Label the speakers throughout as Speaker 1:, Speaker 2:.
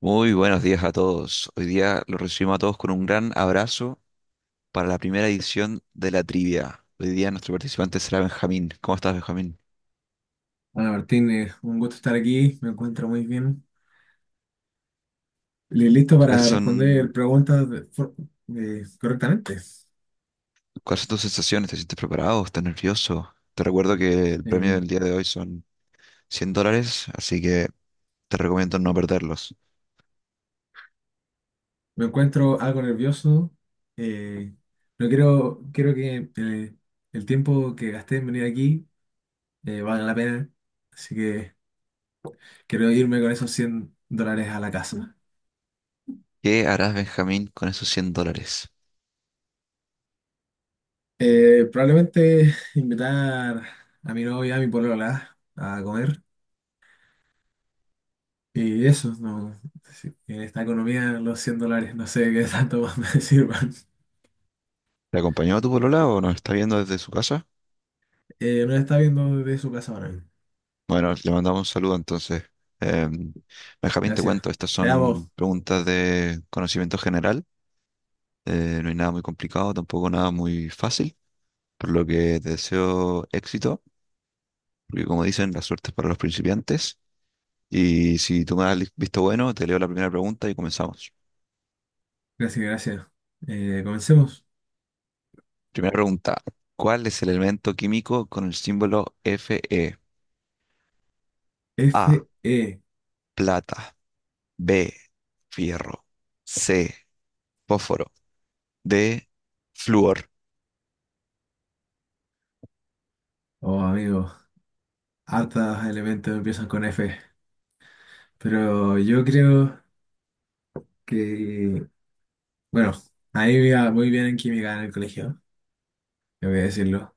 Speaker 1: Muy buenos días a todos. Hoy día los recibimos a todos con un gran abrazo para la primera edición de la trivia. Hoy día nuestro participante será Benjamín. ¿Cómo estás, Benjamín?
Speaker 2: Hola Martínez, un gusto estar aquí, me encuentro muy bien. Listo
Speaker 1: ¿Cuáles
Speaker 2: para responder
Speaker 1: son,
Speaker 2: preguntas correctamente.
Speaker 1: cuáles son tus sensaciones? ¿Te sientes preparado? ¿Estás nervioso? Te recuerdo que el premio
Speaker 2: Eh,
Speaker 1: del día de hoy son $100, así que te recomiendo no perderlos.
Speaker 2: Me encuentro algo nervioso. eh, no quiero, quiero que el tiempo que gasté en venir aquí valga la pena, así que quiero irme con esos $100 a la casa.
Speaker 1: ¿Qué harás, Benjamín, con esos $100?
Speaker 2: Probablemente invitar a mi novia, a mi polola, a comer. Y eso, no, sí, en esta economía los $100 no sé qué tanto más me sirvan.
Speaker 1: ¿Te acompañó a tu polola o nos está viendo desde su casa?
Speaker 2: Nos está viendo desde su casa ahora mismo.
Speaker 1: Bueno, le mandamos un saludo entonces. Em, Benjamín, te
Speaker 2: Gracias.
Speaker 1: cuento, estas
Speaker 2: Te amo.
Speaker 1: son preguntas de conocimiento general. No hay nada muy complicado, tampoco nada muy fácil, por lo que te deseo éxito, porque como dicen, la suerte es para los principiantes. Y si tú me das visto bueno, te leo la primera pregunta y comenzamos.
Speaker 2: Gracias, gracias. Comencemos.
Speaker 1: Primera pregunta, ¿cuál es el elemento químico con el símbolo Fe? A,
Speaker 2: Fe.
Speaker 1: plata. B, fierro. C, fósforo. D, flúor.
Speaker 2: Oh, amigo. Hartos elementos empiezan con F. Pero yo creo que... Bueno, ahí me iba muy bien en química en el colegio, tengo que decirlo.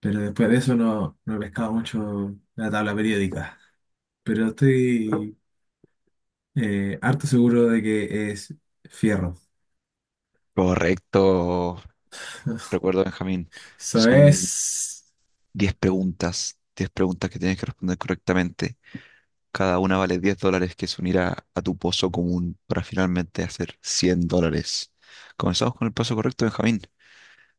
Speaker 2: Pero después de eso no he pescado mucho la tabla periódica. Pero estoy harto seguro de que es fierro.
Speaker 1: Correcto, recuerdo Benjamín,
Speaker 2: Eso
Speaker 1: son
Speaker 2: es.
Speaker 1: 10 preguntas, 10 preguntas que tienes que responder correctamente. Cada una vale $10 que se unirá a tu pozo común para finalmente hacer $100. Comenzamos con el paso correcto, Benjamín.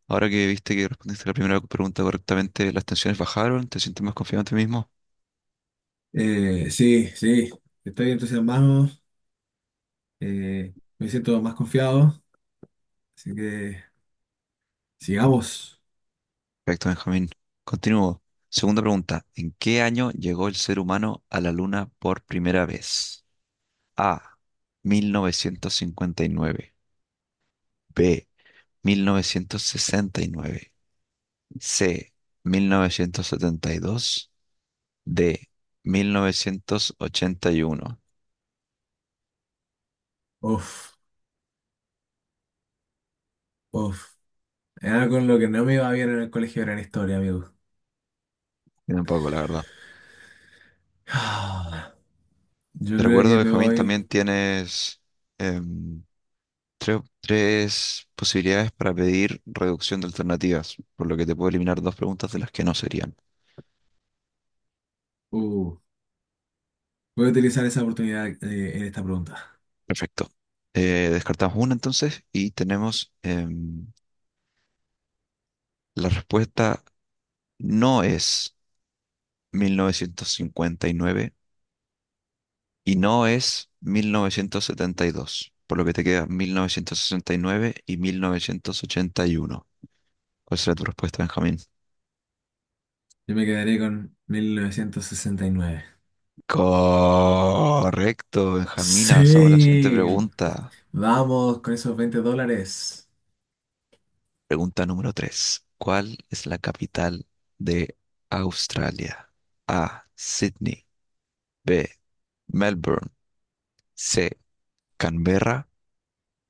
Speaker 1: Ahora que viste que respondiste la primera pregunta correctamente, las tensiones bajaron, ¿te sientes más confiado en ti mismo?
Speaker 2: Sí, sí. Estoy entusiasmado. Me siento más confiado. Así que sigamos.
Speaker 1: Perfecto, Benjamín. Continúo. Segunda pregunta, ¿en qué año llegó el ser humano a la Luna por primera vez? A, 1959. B, 1969. C, 1972. D, 1981.
Speaker 2: Uf, uf. Era con lo que no me iba bien en el colegio era en historia, amigo.
Speaker 1: Tiene un poco, la verdad.
Speaker 2: Ah, yo
Speaker 1: Te
Speaker 2: creo
Speaker 1: recuerdo,
Speaker 2: que me
Speaker 1: Benjamín,
Speaker 2: voy.
Speaker 1: también tienes em, tres posibilidades para pedir reducción de alternativas, por lo que te puedo eliminar dos preguntas de las que no serían.
Speaker 2: Uh, Voy a utilizar esa oportunidad en esta pregunta.
Speaker 1: Perfecto. Descartamos una entonces y tenemos la respuesta no es 1959. Y no es 1972, por lo que te queda 1969 y 1981. ¿Cuál será tu respuesta, Benjamín?
Speaker 2: Yo me quedaré con 1969.
Speaker 1: Correcto, Benjamín. Avanzamos a la siguiente
Speaker 2: Sí,
Speaker 1: pregunta.
Speaker 2: vamos con esos $20.
Speaker 1: Pregunta número 3. ¿Cuál es la capital de Australia? A, Sydney. B, Melbourne. C, Canberra.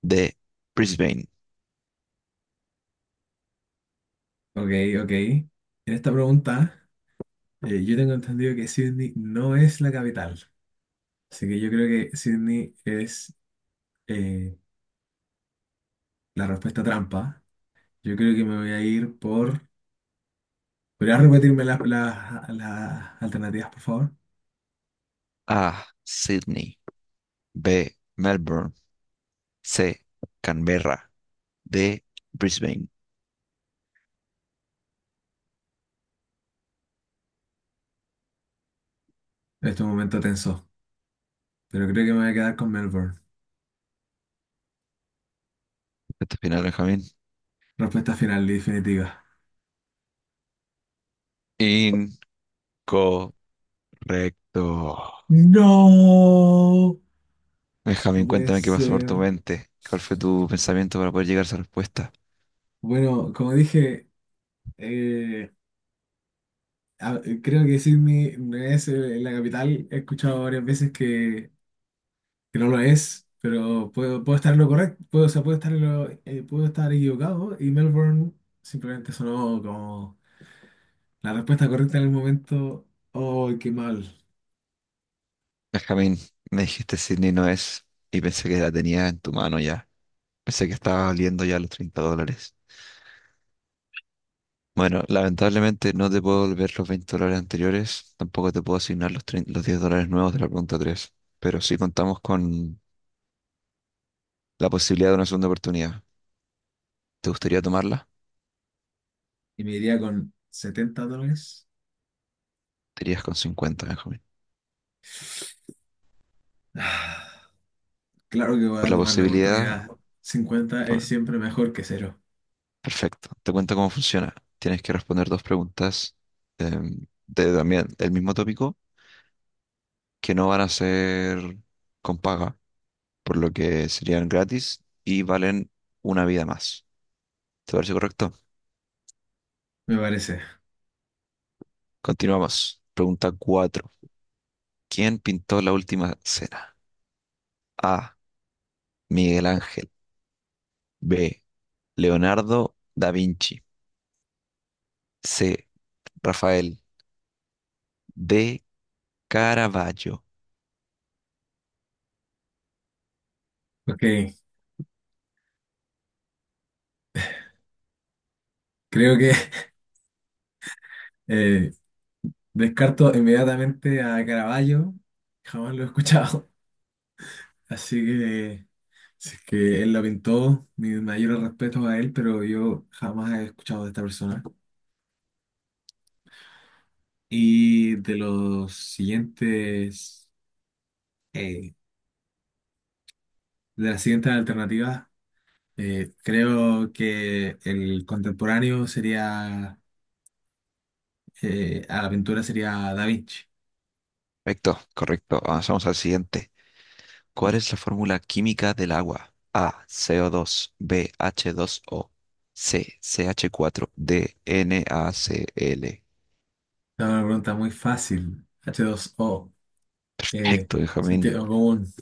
Speaker 1: D, Brisbane.
Speaker 2: Ok, ok. En esta pregunta, yo tengo entendido que Sydney no es la capital. Así que yo creo que Sydney es eh, la respuesta trampa. Yo creo que me voy a ir por... ¿Podrías repetirme las alternativas, por favor?
Speaker 1: A, Sydney. B, Melbourne. C, Canberra. D, Brisbane.
Speaker 2: En este momento tenso. Pero creo que me voy a quedar con Melbourne.
Speaker 1: Este final, Benjamín.
Speaker 2: Respuesta final y definitiva.
Speaker 1: Incorrecto.
Speaker 2: ¡No! No
Speaker 1: Benjamín,
Speaker 2: puede
Speaker 1: cuéntame qué pasó por tu
Speaker 2: ser.
Speaker 1: mente. ¿Cuál fue tu pensamiento para poder llegar a esa respuesta?
Speaker 2: Bueno, como dije, eh, creo que Sydney no es la capital. He escuchado varias veces que no lo es, pero puedo estar en lo correcto, puedo, o sea, puedo estar puedo estar equivocado y Melbourne simplemente sonó como la respuesta correcta en el momento. ¡Oh, qué mal!
Speaker 1: Benjamín, me dijiste Sydney no es, y pensé que la tenías en tu mano ya. Pensé que estaba valiendo ya los $30. Bueno, lamentablemente no te puedo devolver los $20 anteriores, tampoco te puedo asignar los, 30, los $10 nuevos de la pregunta tres, pero sí contamos con la posibilidad de una segunda oportunidad. ¿Te gustaría tomarla?
Speaker 2: Y me iría con $70.
Speaker 1: Te irías con 50, Benjamín.
Speaker 2: Ah, claro que voy
Speaker 1: Por
Speaker 2: a
Speaker 1: la
Speaker 2: tomar la
Speaker 1: posibilidad.
Speaker 2: oportunidad. 50 es
Speaker 1: por-
Speaker 2: siempre mejor que cero,
Speaker 1: Perfecto. Te cuento cómo funciona. Tienes que responder dos preguntas de también el mismo tópico que no van a ser con paga, por lo que serían gratis y valen una vida más. ¿Te parece correcto?
Speaker 2: me parece.
Speaker 1: Continuamos. Pregunta 4. ¿Quién pintó la última cena? A, Miguel Ángel. B, Leonardo da Vinci. C, Rafael. D, Caravaggio.
Speaker 2: Ok, creo que eh, descarto inmediatamente a Caravaggio, jamás lo he escuchado. Así que si es que él lo pintó, mi mayor respeto a él, pero yo jamás he escuchado de esta persona. Y eh, de las siguientes alternativas, creo que el contemporáneo sería, a la pintura sería Da Vinci.
Speaker 1: Perfecto, correcto. Avanzamos al siguiente. ¿Cuál es la fórmula química del agua? A, CO2. B, H2O. C, CH4. D, NaCl.
Speaker 2: Es una pregunta muy fácil, H2O eh,
Speaker 1: Perfecto, Benjamín.
Speaker 2: sentido común.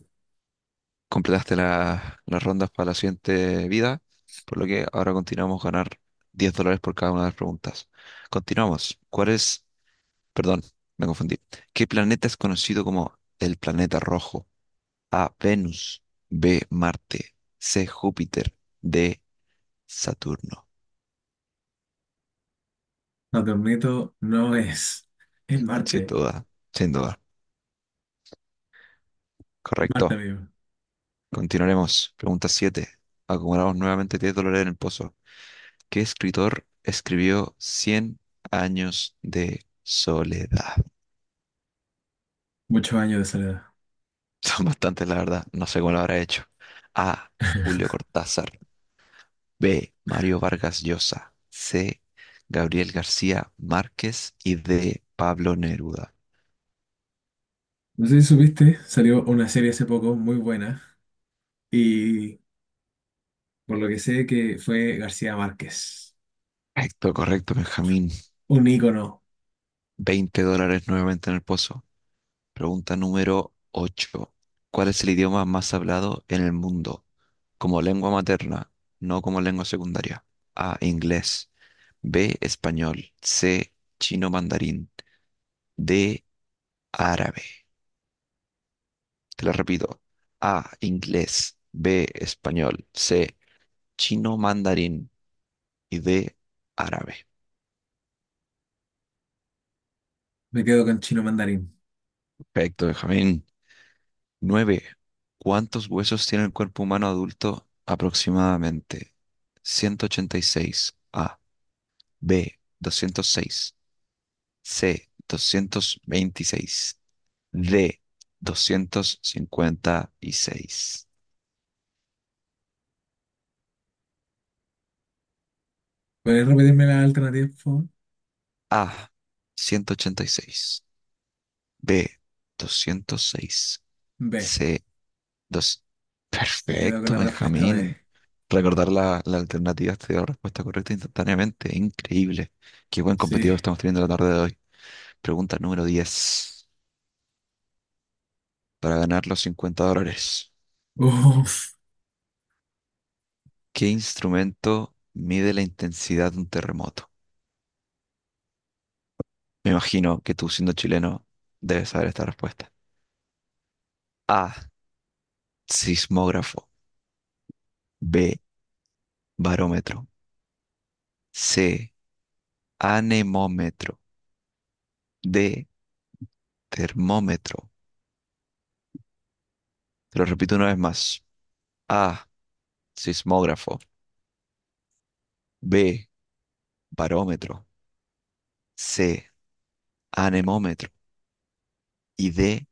Speaker 1: Completaste las rondas para la siguiente vida, por lo que ahora continuamos ganar $10 por cada una de las preguntas. Continuamos. ¿Cuál es? Perdón, me confundí. ¿Qué planeta es conocido como el planeta rojo? A, Venus. B, Marte. C, Júpiter. D, Saturno.
Speaker 2: No te admito, no es. Es
Speaker 1: Sin
Speaker 2: Marte.
Speaker 1: duda, sin duda.
Speaker 2: Es Marte,
Speaker 1: Correcto.
Speaker 2: amigo.
Speaker 1: Continuaremos. Pregunta 7. Acumulamos nuevamente $10 en el pozo. ¿Qué escritor escribió Cien años de soledad?
Speaker 2: Muchos años de soledad.
Speaker 1: Son bastantes, la verdad. No sé cómo lo habrá hecho. A, Julio Cortázar. B, Mario Vargas Llosa. C, Gabriel García Márquez. Y D, Pablo Neruda.
Speaker 2: No sé si supiste, salió una serie hace poco muy buena y por lo que sé que fue García Márquez.
Speaker 1: Correcto, correcto, Benjamín.
Speaker 2: Un ícono.
Speaker 1: $20 nuevamente en el pozo. Pregunta número 8. ¿Cuál es el idioma más hablado en el mundo? Como lengua materna, no como lengua secundaria. A, inglés. B, español. C, chino mandarín. D, árabe. Te lo repito. A, inglés. B, español. C, chino mandarín. Y D, árabe.
Speaker 2: Me quedo con chino mandarín.
Speaker 1: Perfecto, Benjamín. 9. ¿Cuántos huesos tiene el cuerpo humano adulto aproximadamente? 186. A. B, 206. C, 226. D, 256.
Speaker 2: ¿Puedes repetirme la alternativa, por favor?
Speaker 1: A, 186. B, 206.
Speaker 2: B.
Speaker 1: C, dos.
Speaker 2: Me quedo con
Speaker 1: Perfecto,
Speaker 2: la respuesta
Speaker 1: Benjamín.
Speaker 2: B.
Speaker 1: Recordar la alternativa te dio la respuesta correcta instantáneamente. Increíble. Qué buen
Speaker 2: Sí.
Speaker 1: competidor estamos teniendo la tarde de hoy. Pregunta número diez. Para ganar los $50,
Speaker 2: Uf.
Speaker 1: ¿qué instrumento mide la intensidad de un terremoto? Me imagino que tú, siendo chileno, debes saber esta respuesta. A, sismógrafo. B, barómetro. C, anemómetro. D, termómetro. Te lo repito una vez más. A, sismógrafo. B, barómetro. C, anemómetro. Y D,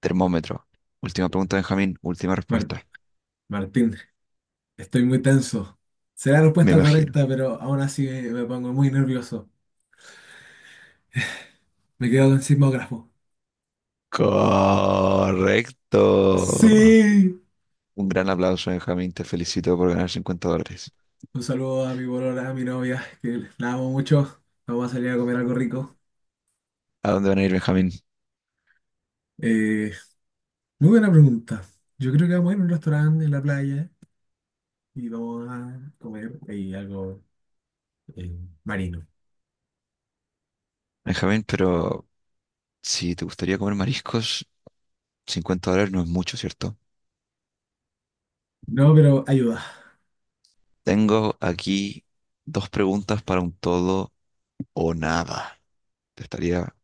Speaker 1: termómetro. Última pregunta, Benjamín. Última
Speaker 2: Mar-
Speaker 1: respuesta.
Speaker 2: Martín, estoy muy tenso. Será la
Speaker 1: Me
Speaker 2: respuesta
Speaker 1: imagino.
Speaker 2: correcta, pero aún así me pongo muy nervioso. Me quedo con sismógrafo.
Speaker 1: Correcto.
Speaker 2: Sí.
Speaker 1: Un gran aplauso, Benjamín. Te felicito por ganar $50.
Speaker 2: Un saludo a mi polola, a mi novia, que la amo mucho. Vamos a salir a comer algo rico.
Speaker 1: ¿A dónde van a ir, Benjamín?
Speaker 2: Eh, Muy buena pregunta. Yo creo que vamos a ir a un restaurante en la playa y vamos a comer ahí algo eh, marino.
Speaker 1: Benjamín, pero si te gustaría comer mariscos, $50 no es mucho, ¿cierto?
Speaker 2: No, pero ayuda.
Speaker 1: Tengo aquí dos preguntas para un todo o nada. Te estaría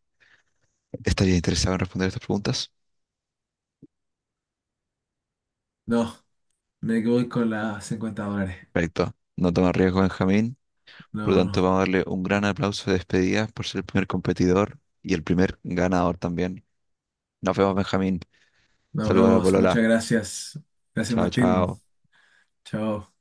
Speaker 1: ¿Estaría interesado en responder estas preguntas?
Speaker 2: No, me voy con las $50.
Speaker 1: Perfecto. No toma riesgo, Benjamín. Por lo
Speaker 2: No,
Speaker 1: tanto,
Speaker 2: no.
Speaker 1: vamos a darle un gran aplauso de despedida por ser el primer competidor y el primer ganador también. Nos vemos, Benjamín.
Speaker 2: Nos
Speaker 1: Saludos a la
Speaker 2: vemos. Muchas
Speaker 1: polola.
Speaker 2: gracias. Gracias,
Speaker 1: Chao,
Speaker 2: Martín.
Speaker 1: chao.
Speaker 2: Chao.